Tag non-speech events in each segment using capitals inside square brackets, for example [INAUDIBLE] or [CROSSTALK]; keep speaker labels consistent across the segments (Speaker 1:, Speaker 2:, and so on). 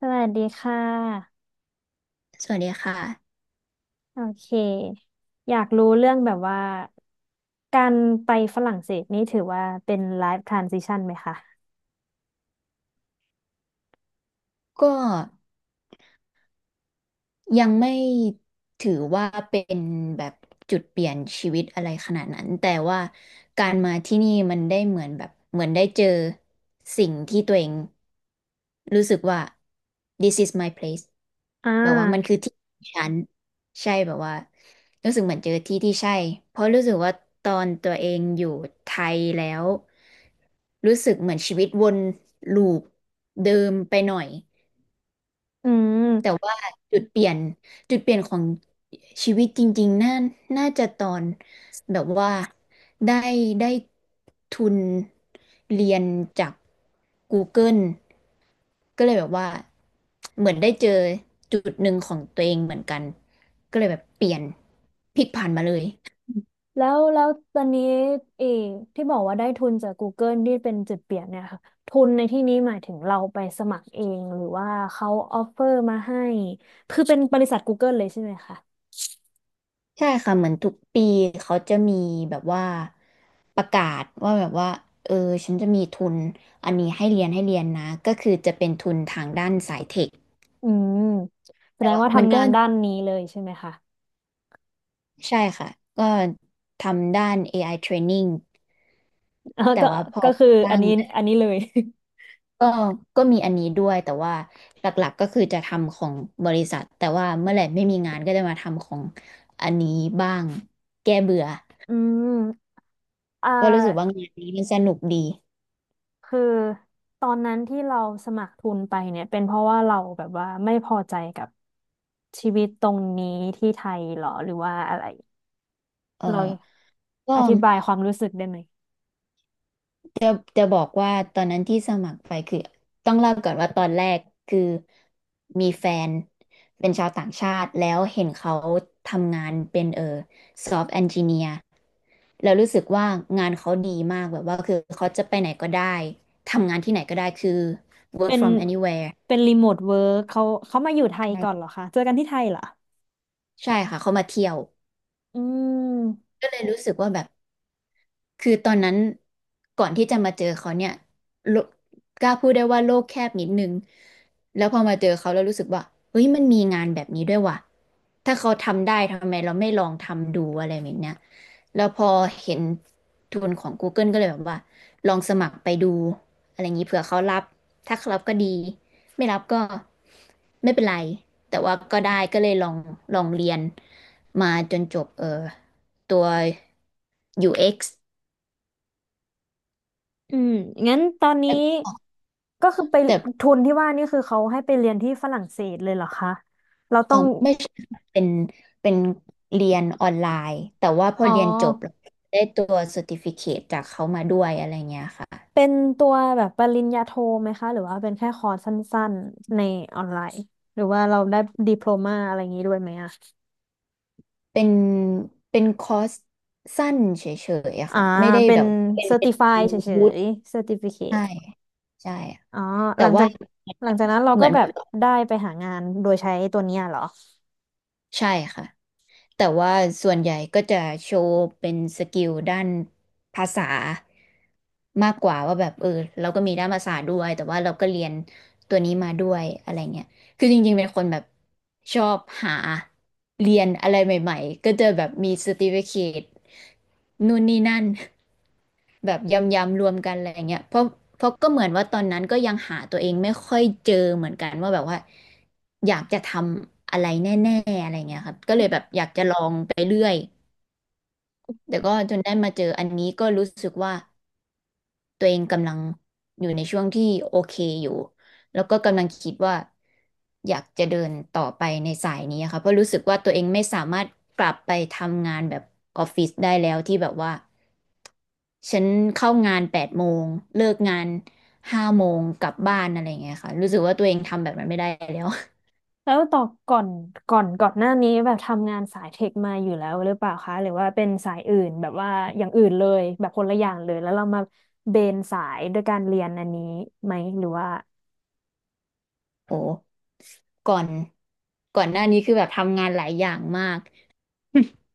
Speaker 1: สวัสดีค่ะ
Speaker 2: สวัสดีค่ะ
Speaker 1: โอเคอยากรู้เรื่องแบบว่าการไปฝรั่งเศสนี่ถือว่าเป็นไลฟ์ทรานซิชันไหมคะ
Speaker 2: ก็ยังไม่ถือว่าเป็นแบบจุดเปลี่ยนชีวิตอะไรขนาดนั้นแต่ว่าการมาที่นี่มันได้เหมือนแบบเหมือนได้เจอสิ่งที่ตัวเองรู้สึกว่า this is my place
Speaker 1: อ่
Speaker 2: แบบว่ามัน
Speaker 1: า
Speaker 2: คือที่ของฉันใช่แบบว่ารู้สึกเหมือนเจอที่ที่ใช่เพราะรู้สึกว่าตอนตัวเองอยู่ไทยแล้วรู้สึกเหมือนชีวิตวนลูปเดิมไปหน่อย
Speaker 1: อื
Speaker 2: แต่
Speaker 1: ม
Speaker 2: ว่าจุดเปลี่ยนจุดเปลี่ยนของชีวิตจริงๆ น่าจะตอนแบบว่าได้ได้ทุนเรียนจาก Google ก็เลยแบบว่าเหมือนได้เจอจุดหนึ่งของตัวเองเหมือนกันก็เลยแบบเปลี่ยนพลิกผันมาเลย
Speaker 1: แล้วแล้วตอนนี้เออที่บอกว่าได้ทุนจาก Google ที่เป็นจุดเปลี่ยนเนี่ยค่ะทุนในที่นี้หมายถึงเราไปสมัครเองหรือว่าเขาออฟเฟอร์มาให้คือเป็นบริษัท Google เลยใช่ไหมคะ
Speaker 2: ใช่ค่ะเหมือนทุกปีเขาจะมีแบบว่าประกาศว่าแบบว่าเออฉันจะมีทุนอันนี้ให้เรียนนะก็คือจะเป็นทุนทางด้านสายเทค
Speaker 1: อืมแส
Speaker 2: แต่
Speaker 1: ดง
Speaker 2: ว่า
Speaker 1: ว่า
Speaker 2: มัน
Speaker 1: ทำ
Speaker 2: ก็
Speaker 1: งานด้านนี้เลยใช่ไหมคะ
Speaker 2: ใช่ค่ะก็ทำด้าน AI training
Speaker 1: แล้ว
Speaker 2: แต่
Speaker 1: ก็
Speaker 2: ว่าพอ
Speaker 1: ก็คืออั
Speaker 2: บ้า
Speaker 1: น
Speaker 2: ง
Speaker 1: นี้อันนี้เลย [LAUGHS]
Speaker 2: ก็ก็มีอันนี้ด้วยแต่ว่าหลักๆก็คือจะทำของบริษัทแต่ว่าเมื่อไหร่ไม่มีงานก็จะมาทำของอันนี้บ้างแก้เบื่อ
Speaker 1: อืม อ่
Speaker 2: ก็รู้สึกว่า
Speaker 1: า
Speaker 2: งานนี้มันสนุกดี
Speaker 1: คือตอนนั้นที่เราสมัครทุนไปเนี่ยเป็นเพราะว่าเราแบบว่าไม่พอใจกับชีวิตตรงนี้ที่ไทยเหรอหรือว่าอะไร
Speaker 2: เออ
Speaker 1: เรา
Speaker 2: ก็
Speaker 1: อธิบายความรู้สึกได้ไหม
Speaker 2: จะจะบอกว่าตอนนั้นที่สมัครไปคือต้องเล่าก่อนว่าตอนแรกคือมีแฟนเป็นชาวต่างชาติแล้วเห็นเขาทำงานเป็นซอฟต์แอนจิเนียร์แล้วรู้สึกว่างานเขาดีมากแบบว่าคือเขาจะไปไหนก็ได้ทำงานที่ไหนก็ได้คือ work
Speaker 1: เป็น
Speaker 2: from anywhere
Speaker 1: เป็นรีโมทเวิร์กเขาเขามาอยู่ไทย
Speaker 2: ใช่
Speaker 1: ก่อนเหรอคะเจอกันที่ไทยเหรอ
Speaker 2: ใช่ค่ะเขามาเที่ยว
Speaker 1: อืม
Speaker 2: ก็เลยรู้สึกว่าแบบ คือตอนนั้นก่อนที่จะมาเจอเขาเนี่ยโลกกล้าพูดได้ว่าโลกแคบนิดนึงแล้วพอมาเจอเขาแล้วรู้สึกว่าเฮ้ยมันมีงานแบบนี้ด้วยว่ะถ้าเขาทำได้ทำไมเราไม่ลองทำดูอะไรแบบเนี้ยแล้วพอเห็นทุนของ Google ก็เลยแบบว่าลองสมัครไปดูอะไรอย่างนี้เผื่อเขารับถ้าเขารับก็ดีไม่รับก็ไม่เป็นไรแต่ว่าก็ได้ก็เลยลองเรียนมาจนจบตัว UX
Speaker 1: อืมงั้นตอนนี้
Speaker 2: แต่
Speaker 1: ก็คือไป
Speaker 2: แต่
Speaker 1: ทุนที่ว่านี่คือเขาให้ไปเรียนที่ฝรั่งเศสเลยเหรอคะเรา
Speaker 2: เอ
Speaker 1: ต้
Speaker 2: อ
Speaker 1: อง
Speaker 2: ไม่ใช่ค่ะเป็นเรียนออนไลน์แต่ว่าพอ
Speaker 1: อ๋อ
Speaker 2: เรียนจบแล้วได้ตัวเซอร์ติฟิเคตจากเขามาด้วยอะไรเงี้ยค่ะ
Speaker 1: เป็นตัวแบบปริญญาโทไหมคะหรือว่าเป็นแค่คอร์สสั้นๆในออนไลน์หรือว่าเราได้ดิโพลมาอะไรอย่างนี้ด้วยไหมอะ
Speaker 2: เป็นเป็นคอร์สสั้นเฉยๆอะ
Speaker 1: อ่า
Speaker 2: ค่ะไม่ได้
Speaker 1: เป็
Speaker 2: แบ
Speaker 1: น
Speaker 2: บเป็
Speaker 1: เซ
Speaker 2: น
Speaker 1: อร์
Speaker 2: เป็
Speaker 1: ติ
Speaker 2: น
Speaker 1: ฟายเฉ
Speaker 2: วุฒิ
Speaker 1: ยๆเซอร์ติฟิเค
Speaker 2: ใช่
Speaker 1: ต
Speaker 2: ใช่
Speaker 1: อ๋อห
Speaker 2: แต่
Speaker 1: ลังจา
Speaker 2: ว่า
Speaker 1: กหลังจากนั้นเรา
Speaker 2: เหมื
Speaker 1: ก็
Speaker 2: อน
Speaker 1: แบบ
Speaker 2: แบบ
Speaker 1: ได้ไปหางานโดยใช้ตัวเนี้ยเหรอ
Speaker 2: ใช่ค่ะแต่ว่าส่วนใหญ่ก็จะโชว์เป็นสกิลด้านภาษามากกว่าว่าแบบเราก็มีด้านภาษาด้วยแต่ว่าเราก็เรียนตัวนี้มาด้วยอะไรเงี้ยคือจริงๆเป็นคนแบบชอบหาเรียนอะไรใหม่ๆก็จะแบบมี certificate นู่นนี่นั่น แบบยำๆรวมกันอะไรเงี้ยเพราะก็เหมือนว่าตอนนั้นก็ยังหาตัวเองไม่ค่อยเจอเหมือนกันว่าแบบว่าอยากจะทำอะไรแน่ๆอะไรเงี้ยครับก็เลยแบบอยากจะลองไปเรื่อยแต่ก็จนได้มาเจออันนี้ก็รู้สึกว่าตัวเองกำลังอยู่ในช่วงที่โอเคอยู่แล้วก็กำลังคิดว่าอยากจะเดินต่อไปในสายนี้ค่ะเพราะรู้สึกว่าตัวเองไม่สามารถกลับไปทำงานแบบออฟฟิศได้แล้วที่แบบว่า ฉันเข้างาน8 โมงเลิกงาน5 โมงกลับบ้านอะไรอย่างเงี้ยค่ะรู้สึกว่าตัวเองทำแบบนั้นไม่ได้แล้ว [LAUGHS]
Speaker 1: แล้วต่อก่อนก่อนก่อนหน้านี้แบบทำงานสายเทคมาอยู่แล้วหรือเปล่าคะหรือว่าเป็นสายอื่นแบบว่าอย่างอื่นเลยแบบคนละอย่างเลยแล้วเรามาเบนสายด้วยการเรียนอันนี้ไหมหรือว่า
Speaker 2: โอ้ก่อนก่อนหน้านี้คือแบบทำงานหลายอย่างมาก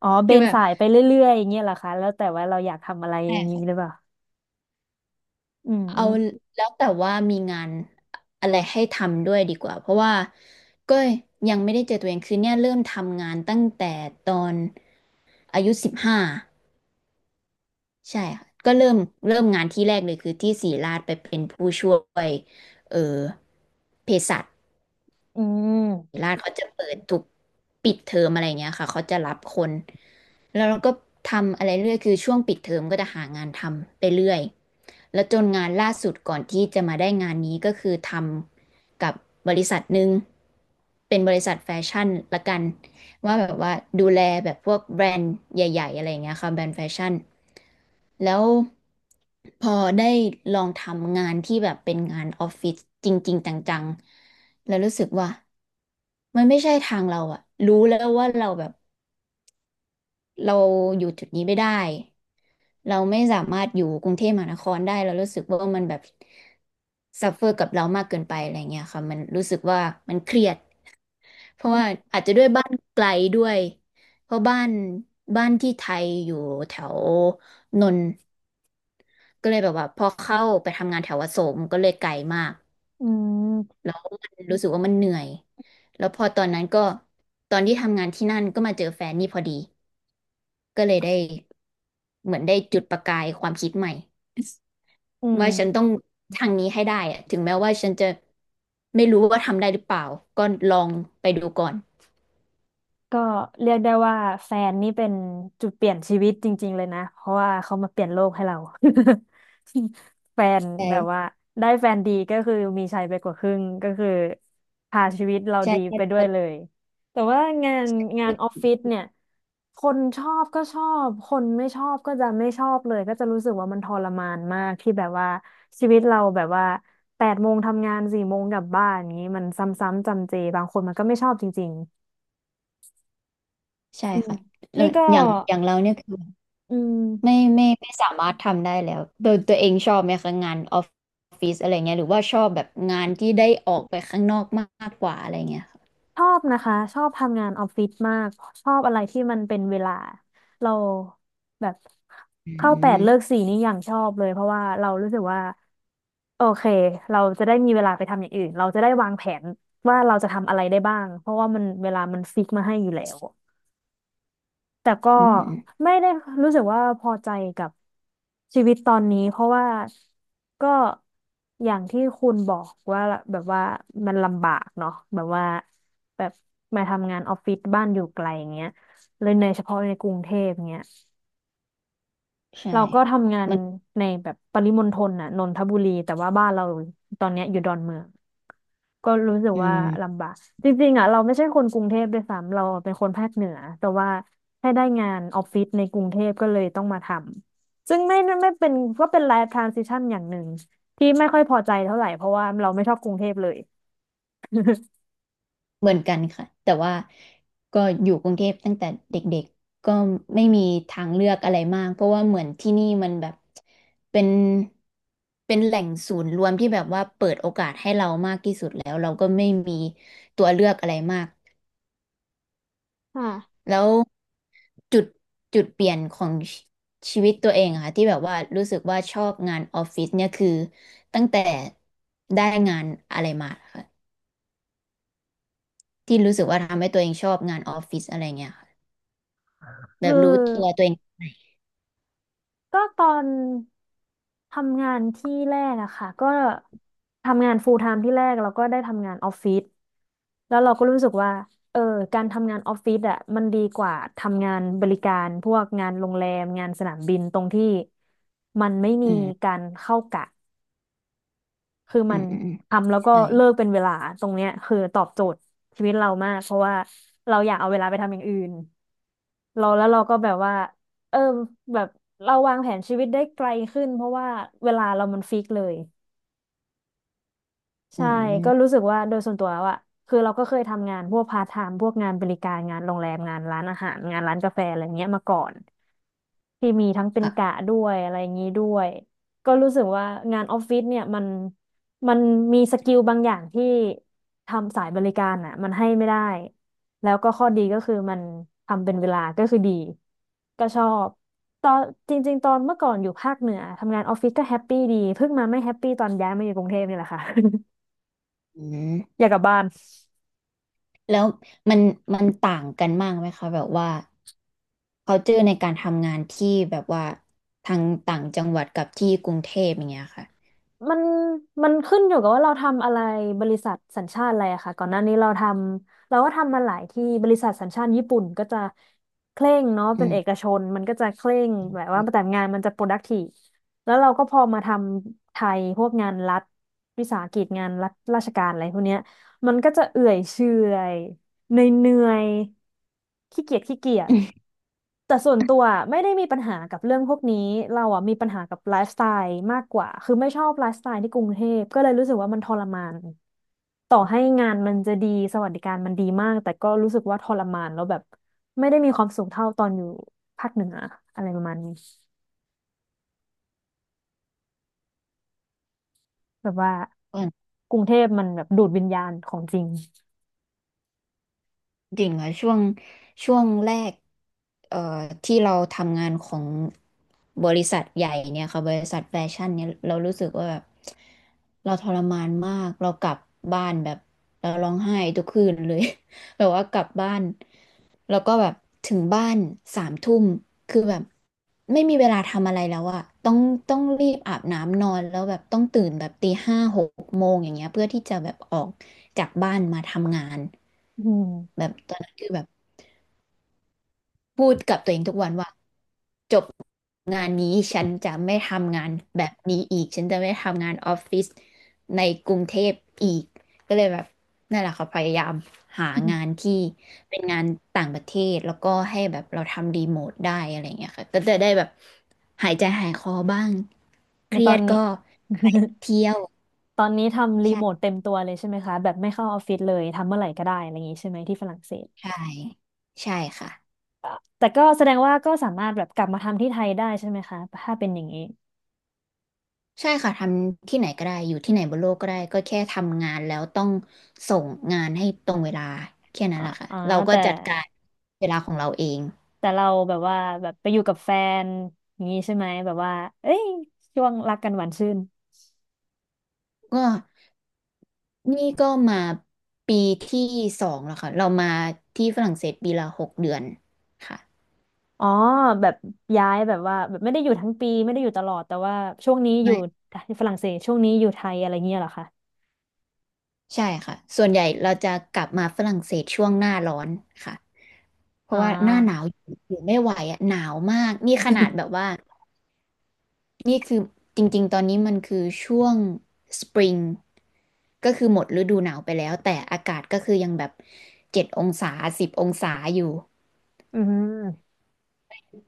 Speaker 1: อ๋อ เบ
Speaker 2: คือ
Speaker 1: น
Speaker 2: แบบ
Speaker 1: สายไปเรื่อยๆอย่างเงี้ยเหรอคะแล้วแต่ว่าเราอยากทำอะไรอ
Speaker 2: ใช่
Speaker 1: ย่างนี้หรือ
Speaker 2: ค่ะ
Speaker 1: เปล่าอืมอื
Speaker 2: เอา
Speaker 1: ม
Speaker 2: แล้วแต่ว่ามีงานอะไรให้ทำด้วยดีกว่าเพราะว่าก็ยังไม่ได้เจอตัวเองคือเนี่ยเริ่มทำงานตั้งแต่ตอนอายุ15 ใช่ค่ะก็เริ่มงานที่แรกเลยคือที่ศิริราชไปเป็นผู้ช่วยเออเภสัช
Speaker 1: อืม
Speaker 2: ศิริราชเขาจะเปิดทุกปิดเทอมอะไรเงี้ยค่ะเขาจะรับคนแล้วเราก็ทำอะไรเรื่อยคือช่วงปิดเทอมก็จะหางานทำไปเรื่อยแล้วจนงานล่าสุดก่อนที่จะมาได้งานนี้ก็คือทำกับบริษัทหนึ่งเป็นบริษัทแฟชั่นละกันว่าแบบว่าดูแลแบบพวกแบรนด์ใหญ่ๆอะไรเงี้ยค่ะแบรนด์แฟชั่น แล้วพอได้ลองทำงานที่แบบเป็นงานออฟฟิศจริงๆจังๆแล้วรู้สึกว่ามันไม่ใช่ทางเราอะรู้แล้วว่าเราแบบเราอยู่จุดนี้ไม่ได้เราไม่สามารถอยู่กรุงเทพมหานครได้เรารู้สึกว่ามันแบบซัฟเฟอร์กับเรามากเกินไปอะไรเงี้ยค่ะมันรู้สึกว่ามันเครียดเพราะว่าอาจจะด้วยบ้านไกลด้วยเพราะบ้านที่ไทยอยู่แถวนนท์ ก็เลยแบบว่าพอเข้าไปทำงานแถวอโศกมันก็เลยไกลมาก
Speaker 1: อืม
Speaker 2: แล้วมันรู้สึกว่ามันเหนื่อยแล้วพอตอนนั้นก็ตอนที่ทำงานที่นั่นก็มาเจอแฟนนี่พอดีก็เลยได้เหมือนได้จุดประกายความคิดใหม่
Speaker 1: อื
Speaker 2: [LAUGHS] ว่าฉันต้อง
Speaker 1: ม
Speaker 2: ทางนี้ให้ได้อะถึงแม้ว่าฉันจะไม่รู้ว่าทำได้หรือเปล่าก็ลองไปดูก่อน
Speaker 1: ก็เรียกได้ว่าแฟนนี่เป็นจุดเปลี่ยนชีวิตจริงๆเลยนะเพราะว่าเขามาเปลี่ยนโลกให้เรา [LAUGHS] แฟนแบบว่า
Speaker 2: ใช่
Speaker 1: ได้แฟนดีก็คือมีชัยไปกว่าครึ่งก็คือพาชีวิตเรา
Speaker 2: ใช่
Speaker 1: ดี
Speaker 2: ใ
Speaker 1: ไปด้วยเล
Speaker 2: ช
Speaker 1: ยแต่ว่างานงานออฟ
Speaker 2: ่
Speaker 1: ฟิศเนี่ยคนชอบก็ชอบคนไม่ชอบก็จะไม่ชอบเลยก็จะรู้สึกว่ามันทรมานมากที่แบบว่าชีวิตเราแบบว่า8 โมงทำงาน4 โมงกลับบ้านอย่างนี้มันซ้ำๆจำเจบางคนมันก็ไม่ชอบจริง
Speaker 2: ใช่
Speaker 1: อืม
Speaker 2: ค่ะแล้
Speaker 1: นี่
Speaker 2: ว
Speaker 1: ก็
Speaker 2: อย่างเราเนี่ยคือ
Speaker 1: อืม
Speaker 2: ไม่สามารถทำได้แล้วโดยตัวเองชอบไหมคะงานออฟฟิศอะไรเงี้ยหรือว่าชอบแบบงานที่ได้ออกไปข้างนอกมากกว่าอะไรเงี้ยค่ะ
Speaker 1: ชอบนะคะชอบทำงานออฟฟิศมากชอบอะไรที่มันเป็นเวลาเราแบบ
Speaker 2: อื
Speaker 1: เข้าแปดเลิก
Speaker 2: ม
Speaker 1: สี่นี่อย่างชอบเลยเพราะว่าเรารู้สึกว่าโอเคเราจะได้มีเวลาไปทำอย่างอื่นเราจะได้วางแผนว่าเราจะทำอะไรได้บ้างเพราะว่ามันเวลามันฟิกมาให้อยู่แล้ว แต่ก็
Speaker 2: อืม
Speaker 1: ไม่ได้รู้สึกว่าพอใจกับชีวิตตอนนี้เพราะว่าก็อย่างที่คุณบอกว่าแบบว่ามันลำบากเนาะแบบว่าแบบมาทำงานออฟฟิศบ้านอยู่ไกลอย่างเงี้ยเลยในเฉพาะในกรุงเทพเงี้ย
Speaker 2: ใช่
Speaker 1: เราก็ทำงาน
Speaker 2: มัน
Speaker 1: ในแบบปริมณฑลน่ะนนทบุรีแต่ว่าบ้านเราตอนเนี้ยอยู่ดอนเมือง ก็รู้สึก
Speaker 2: อื
Speaker 1: ว่า
Speaker 2: ม
Speaker 1: ลำบากจริงๆอ่ะเราไม่ใช่คนกรุงเทพด้วยซ้ำเราเป็นคนภาคเหนือแต่ว่าให้ได้งานออฟฟิศในกรุงเทพก็เลยต้องมาทำซึ่งไม่ไม่เป็นก็เป็นไลฟ์ทรานซิชันอย่างหนึ่งที่ไม่ค่อยพอใจเท่าไหร่เพราะว่าเราไม่ชอบกรุงเทพเลย
Speaker 2: เหมือนกันค่ะแต่ว่าก็อยู่กรุงเทพตั้งแต่เด็กๆก็ไม่มีทางเลือกอะไรมากเพราะว่าเหมือนที่นี่มันแบบเป็นเป็นแหล่งศูนย์รวมที่แบบว่าเปิดโอกาสให้เรามากที่สุดแล้วเราก็ไม่มีตัวเลือกอะไรมาก
Speaker 1: ค่ะ
Speaker 2: แล้วจุดจุดเปลี่ยนของชีวิตตัวเองอะค่ะที่แบบว่ารู้สึกว่าชอบงานออฟฟิศเนี่ยคือตั้งแต่ได้งานอะไรมาค่ะที่รู้สึกว่าทำให้ตัวเองชอบงานออฟฟิศอะไรเงี้ยค่ะแบ
Speaker 1: คือ
Speaker 2: บรู้ตัวเอง
Speaker 1: ก็ตอนทำงานที่แรกอะค่ะก็ทำงาน full time ที่แรกแล้วก็ได้ทำงานออฟฟิศแล้วเราก็รู้สึกว่าเออการทำงานออฟฟิศอะมันดีกว่าทำงานบริการพวกงานโรงแรมงานสนามบินตรงที่มันไม่มี
Speaker 2: อืม
Speaker 1: การเข้ากะ คือ
Speaker 2: อื
Speaker 1: มัน
Speaker 2: มอืมอืม
Speaker 1: ทำแล้วก็
Speaker 2: ใช่
Speaker 1: เลิกเป็นเวลาตรงเนี้ยคือตอบโจทย์ชีวิตเรามากเพราะว่าเราอยากเอาเวลาไปทำอย่างอื่นเราแล้วเราก็แบบว่าเออแบบเราวางแผนชีวิตได้ไกลขึ้นเพราะว่าเวลาเรามันฟิกเลย
Speaker 2: อื
Speaker 1: ใช่ก็รู้
Speaker 2: ม
Speaker 1: สึกว่าโดยส่วนตัวแล้วอะคือเราก็เคยทำงานพวกพาร์ทไทม์พวกงานบริการงานโรงแรมงานร้านอาหารงานร้านกาแฟอะไรเงี้ยมาก่อน ที่มีทั้งเป็นกะ
Speaker 2: ค่ะ
Speaker 1: ด้วยอะไรอย่างนี้ด้วยก็รู้สึกว่างานออฟฟิศเนี่ยมันมันมีสกิลบางอย่างที่ทำสายบริการอ่ะมันให้ไม่ได้แล้วก็ข้อดีก็คือมันทำเป็นเวลาก็คือดีก็ชอบตอนจริงๆตอนเมื่อก่อนอยู่ภาคเหนือทำงานออฟฟิศก็แฮปปี้ดีเพิ่งมาไม่แฮปปี้ตอนย้ายมาอยู่กรุงเทพนี่แหละค่ะ
Speaker 2: อืม
Speaker 1: [LAUGHS] อยากกลับบ้าน
Speaker 2: แล้วมันมันต่างกันมากไหมคะแบบว่า culture ในการทำงานที่แบบว่าทางต่างจังหวัดกับที่กรุงเทพอย่างเงี้ยค่ะ
Speaker 1: มันมันขึ้นอยู่กับว่าเราทำอะไรบริษัทสัญชาติอะไรอะค่ะก่อนหน้านี้เราก็ทำมาหลายที่บริษัทสัญชาติญี่ปุ่นก็จะเคร่งเนาะ
Speaker 2: อื
Speaker 1: เป็น
Speaker 2: ม
Speaker 1: เอกชนมันก็จะเคร่งแบบว่าแต่งานมันจะ productive แล้วเราก็พอมาทำไทยพวกงานรัฐวิสาหกิจงานรัฐราชการอะไรพวกเนี้ยมันก็จะเอื่อยเฉื่อยเหนื่อยๆขี้เกียจขี้เกียจ แต่ส่วนตัวอะไม่ได้มีปัญหากับเรื่องพวกนี้เราอ่ะมีปัญหากับไลฟ์สไตล์มากกว่าคือไม่ชอบไลฟ์สไตล์ที่กรุงเทพก็เลยรู้สึกว่ามันทรมานต่อให้งานมันจะดีสวัสดิการมันดีมากแต่ก็รู้สึกว่าทรมานแล้วแบบไม่ได้มีความสุขเท่าตอนอยู่ภาคเหนืออะไรประมาณนี้แบบว่า
Speaker 2: [LAUGHS]
Speaker 1: กรุงเทพมันแบบดูดวิญญาณของจริง
Speaker 2: ดิ่งอะช่วงแรกเอ่อที่เราทำงานของบริษัทใหญ่เนี่ยค่ะบริษัทแฟชั่นเนี่ยเรารู้สึกว่าแบบเราทรมานมากเรากลับบ้านแบบเราร้องไห้ทุกคืนเลย [LAUGHS] แบบว่ากลับบ้านแล้วก็แบบถึงบ้าน3 ทุ่มคือแบบ ไม่มีเวลาทำอะไรแล้วอะต้องรีบอาบน้ำนอนแล้วแบบต้องตื่นแบบตี 5 6 โมงอย่างเงี้ยเพื่อที่จะแบบออกจากบ้านมาทำงาน
Speaker 1: [LAUGHS] อืม
Speaker 2: แบบตอนนั้นคือแบบ พูดกับตัวเองทุกวันว่าจบงานนี้ฉันจะไม่ทำงานแบบนี้อีกฉันจะไม่ทำงานออฟฟิศในกรุงเทพอีกก็เลยแบบนั่นแหละค่ะพยายามหางานที่เป็นงานต่างประเทศแล้วก็ให้แบบเราทำรีโมทได้อะไรเงี้ยค่ะก็จะได้แบบหายใจหายคอบ้างเค
Speaker 1: ใน
Speaker 2: รี
Speaker 1: ตอ
Speaker 2: ย
Speaker 1: น
Speaker 2: ด
Speaker 1: นี้
Speaker 2: ก็ไปเที่ยว
Speaker 1: [LAUGHS] ตอนนี้ทำรีโมท
Speaker 2: ใช่
Speaker 1: เต็มตัวเลยใช่ไหมคะแบบไม่เข้าออฟฟิศเลยทำเมื่อไหร่ก็ได้อะไรอย่างนี้ใช่ไหมที่ฝรั่งเศส
Speaker 2: ใช่ใช่ค่ะ
Speaker 1: แต่ก็แสดงว่าก็สามารถแบบกลับมาทำที่ไทยได้ใช่ไหมคะถ้าเป็นอย่างนี้
Speaker 2: ใช่ค่ะทำที่ไหนก็ได้อยู่ที่ไหนบนโลกก็ได้ก็แค่ทำงานแล้วต้องส่งงานให้ตรงเวลาแค่นั้
Speaker 1: อ๋อ
Speaker 2: นแหละค่ะ
Speaker 1: อ๋อ
Speaker 2: เราก็
Speaker 1: แต่
Speaker 2: จัดการเวลาของเราเอง
Speaker 1: แต่เราแบบว่าแบบไปอยู่กับแฟนอย่างนี้ใช่ไหมแบบว่าเอ้ยช่วงรักกันหวานชื่น
Speaker 2: ก็นี่ก็มาปีที่สองแล้วค่ะเรามาที่ฝรั่งเศสปีละหกเดือนค่ะ
Speaker 1: อ๋อแบบย้ายแบบว่าแบบไม่ได้อยู่ทั้งปีไม่ได้อยู่ตลอดแต่ว่าช่วงนี้อยู่
Speaker 2: ไม่
Speaker 1: ฝรั่งเศสช่วงนี้อยู่ไทยอะไรเงี้ยเหรอคะ
Speaker 2: ใช่ค่ะส่วนใหญ่เราจะกลับมาฝรั่งเศสช่วงหน้าร้อนค่ะเพ
Speaker 1: อ๋
Speaker 2: ราะว่าหน้าหนาว
Speaker 1: อ
Speaker 2: อยู่ไม่ไหวอะหนาวมากนี่ขนาดแบบว่า นี่คือจริงๆ ตอนนี้มันคือช่วงสปริงก็คือหมดฤดูหนาวไปแล้วแต่อากาศก็คือยังแบบ7 องศา10 องศาอยู่
Speaker 1: อืม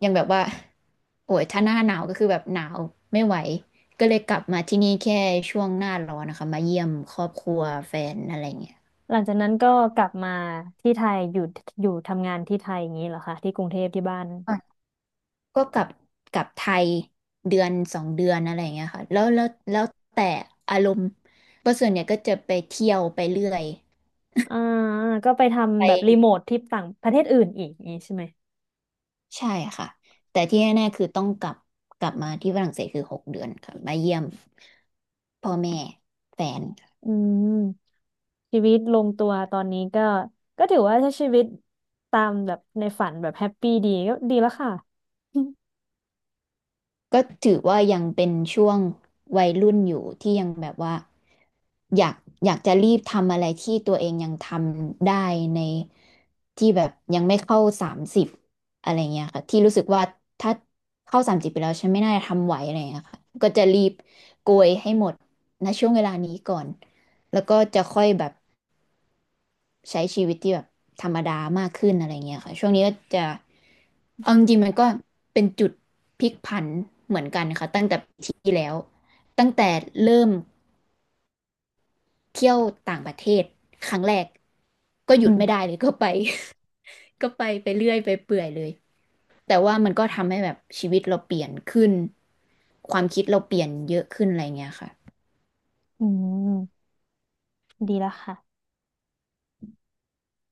Speaker 2: ยังแบบว่าโอ้ยถ้าหน้าหนาวก็คือแบบหนาวไม่ไหวก็เลยกลับมาที่นี่แค่ช่วงหน้าร้อนนะคะมาเยี่ยมครอบครัวแฟนอะไรเงี้ย
Speaker 1: หลังจากนั้นก็กลับมาที่ไทยอยู่ทำงานที่ไทยอย่างนี้เหรอคะที่กรุงเทพที่บ้าน
Speaker 2: อ่ะก็กลับไทยเดือนสองเดือนอะไรเงี้ยค่ะแล้วแต่อารมณ์เพราะส่วนใหญ่ยก็จะไปเที่ยวไปเรื่อย
Speaker 1: อ่าก็ไป
Speaker 2: ไป
Speaker 1: ทำแบบรีโมทที่ต่างประเทศอื่นอีกอย่างนี้ใช่ไหม
Speaker 2: ใช่ค่ะแต่ที่แน่ๆคือต้องกลับมาที่ฝรั่งเศสคือหกเดือนค่ะมาเยี่ยมพ่อแม่แฟน
Speaker 1: อืมชีวิตลงตัวตอนนี้ก็ก็ถือว่าใช้ชีวิตตามแบบในฝันแบบแฮปปี้ดีก็ดีแล้วค่ะ
Speaker 2: ก็ถือว่ายังเป็นช่วงวัยรุ่นอยู่ที่ยังแบบว่าอยากอยากจะรีบทำอะไรที่ตัวเองยังทำได้ในที่แบบยังไม่เข้าสามสิบอะไรเงี้ยค่ะที่รู้สึกว่าถ้าเข้าสามสิบไปแล้วฉันไม่น่าจะทำไหวอะไรเงี้ยค่ะก็จะรีบโกยให้หมดณช่วงเวลานี้ก่อนแล้วก็จะค่อยแบบ ใช้ชีวิตที่แบบธรรมดามากขึ้นอะไรเงี้ยค่ะช่วงนี้ก็จะเอาจริงๆมันก็เป็นจุดพลิกผันเหมือนกันค่ะตั้งแต่ปีที่แล้วตั้งแต่เริ่มเที่ยวต่างประเทศครั้งแรกก็ห
Speaker 1: [LAUGHS]
Speaker 2: ยุ
Speaker 1: อื
Speaker 2: ด
Speaker 1: ม
Speaker 2: ไม่ได้เลย [LAUGHS] ก็ไป [LAUGHS] ก็ไปเรื่อยไปเปื่อยเลยแต่ว่ามันก็ทำให้แบบชีวิตเราเปลี่ยนขึ้นความคิดเราเปลี่ยนเยอะขึ้นอะไรเงี้ยค่ะ
Speaker 1: อืมดีแล้วค่ะ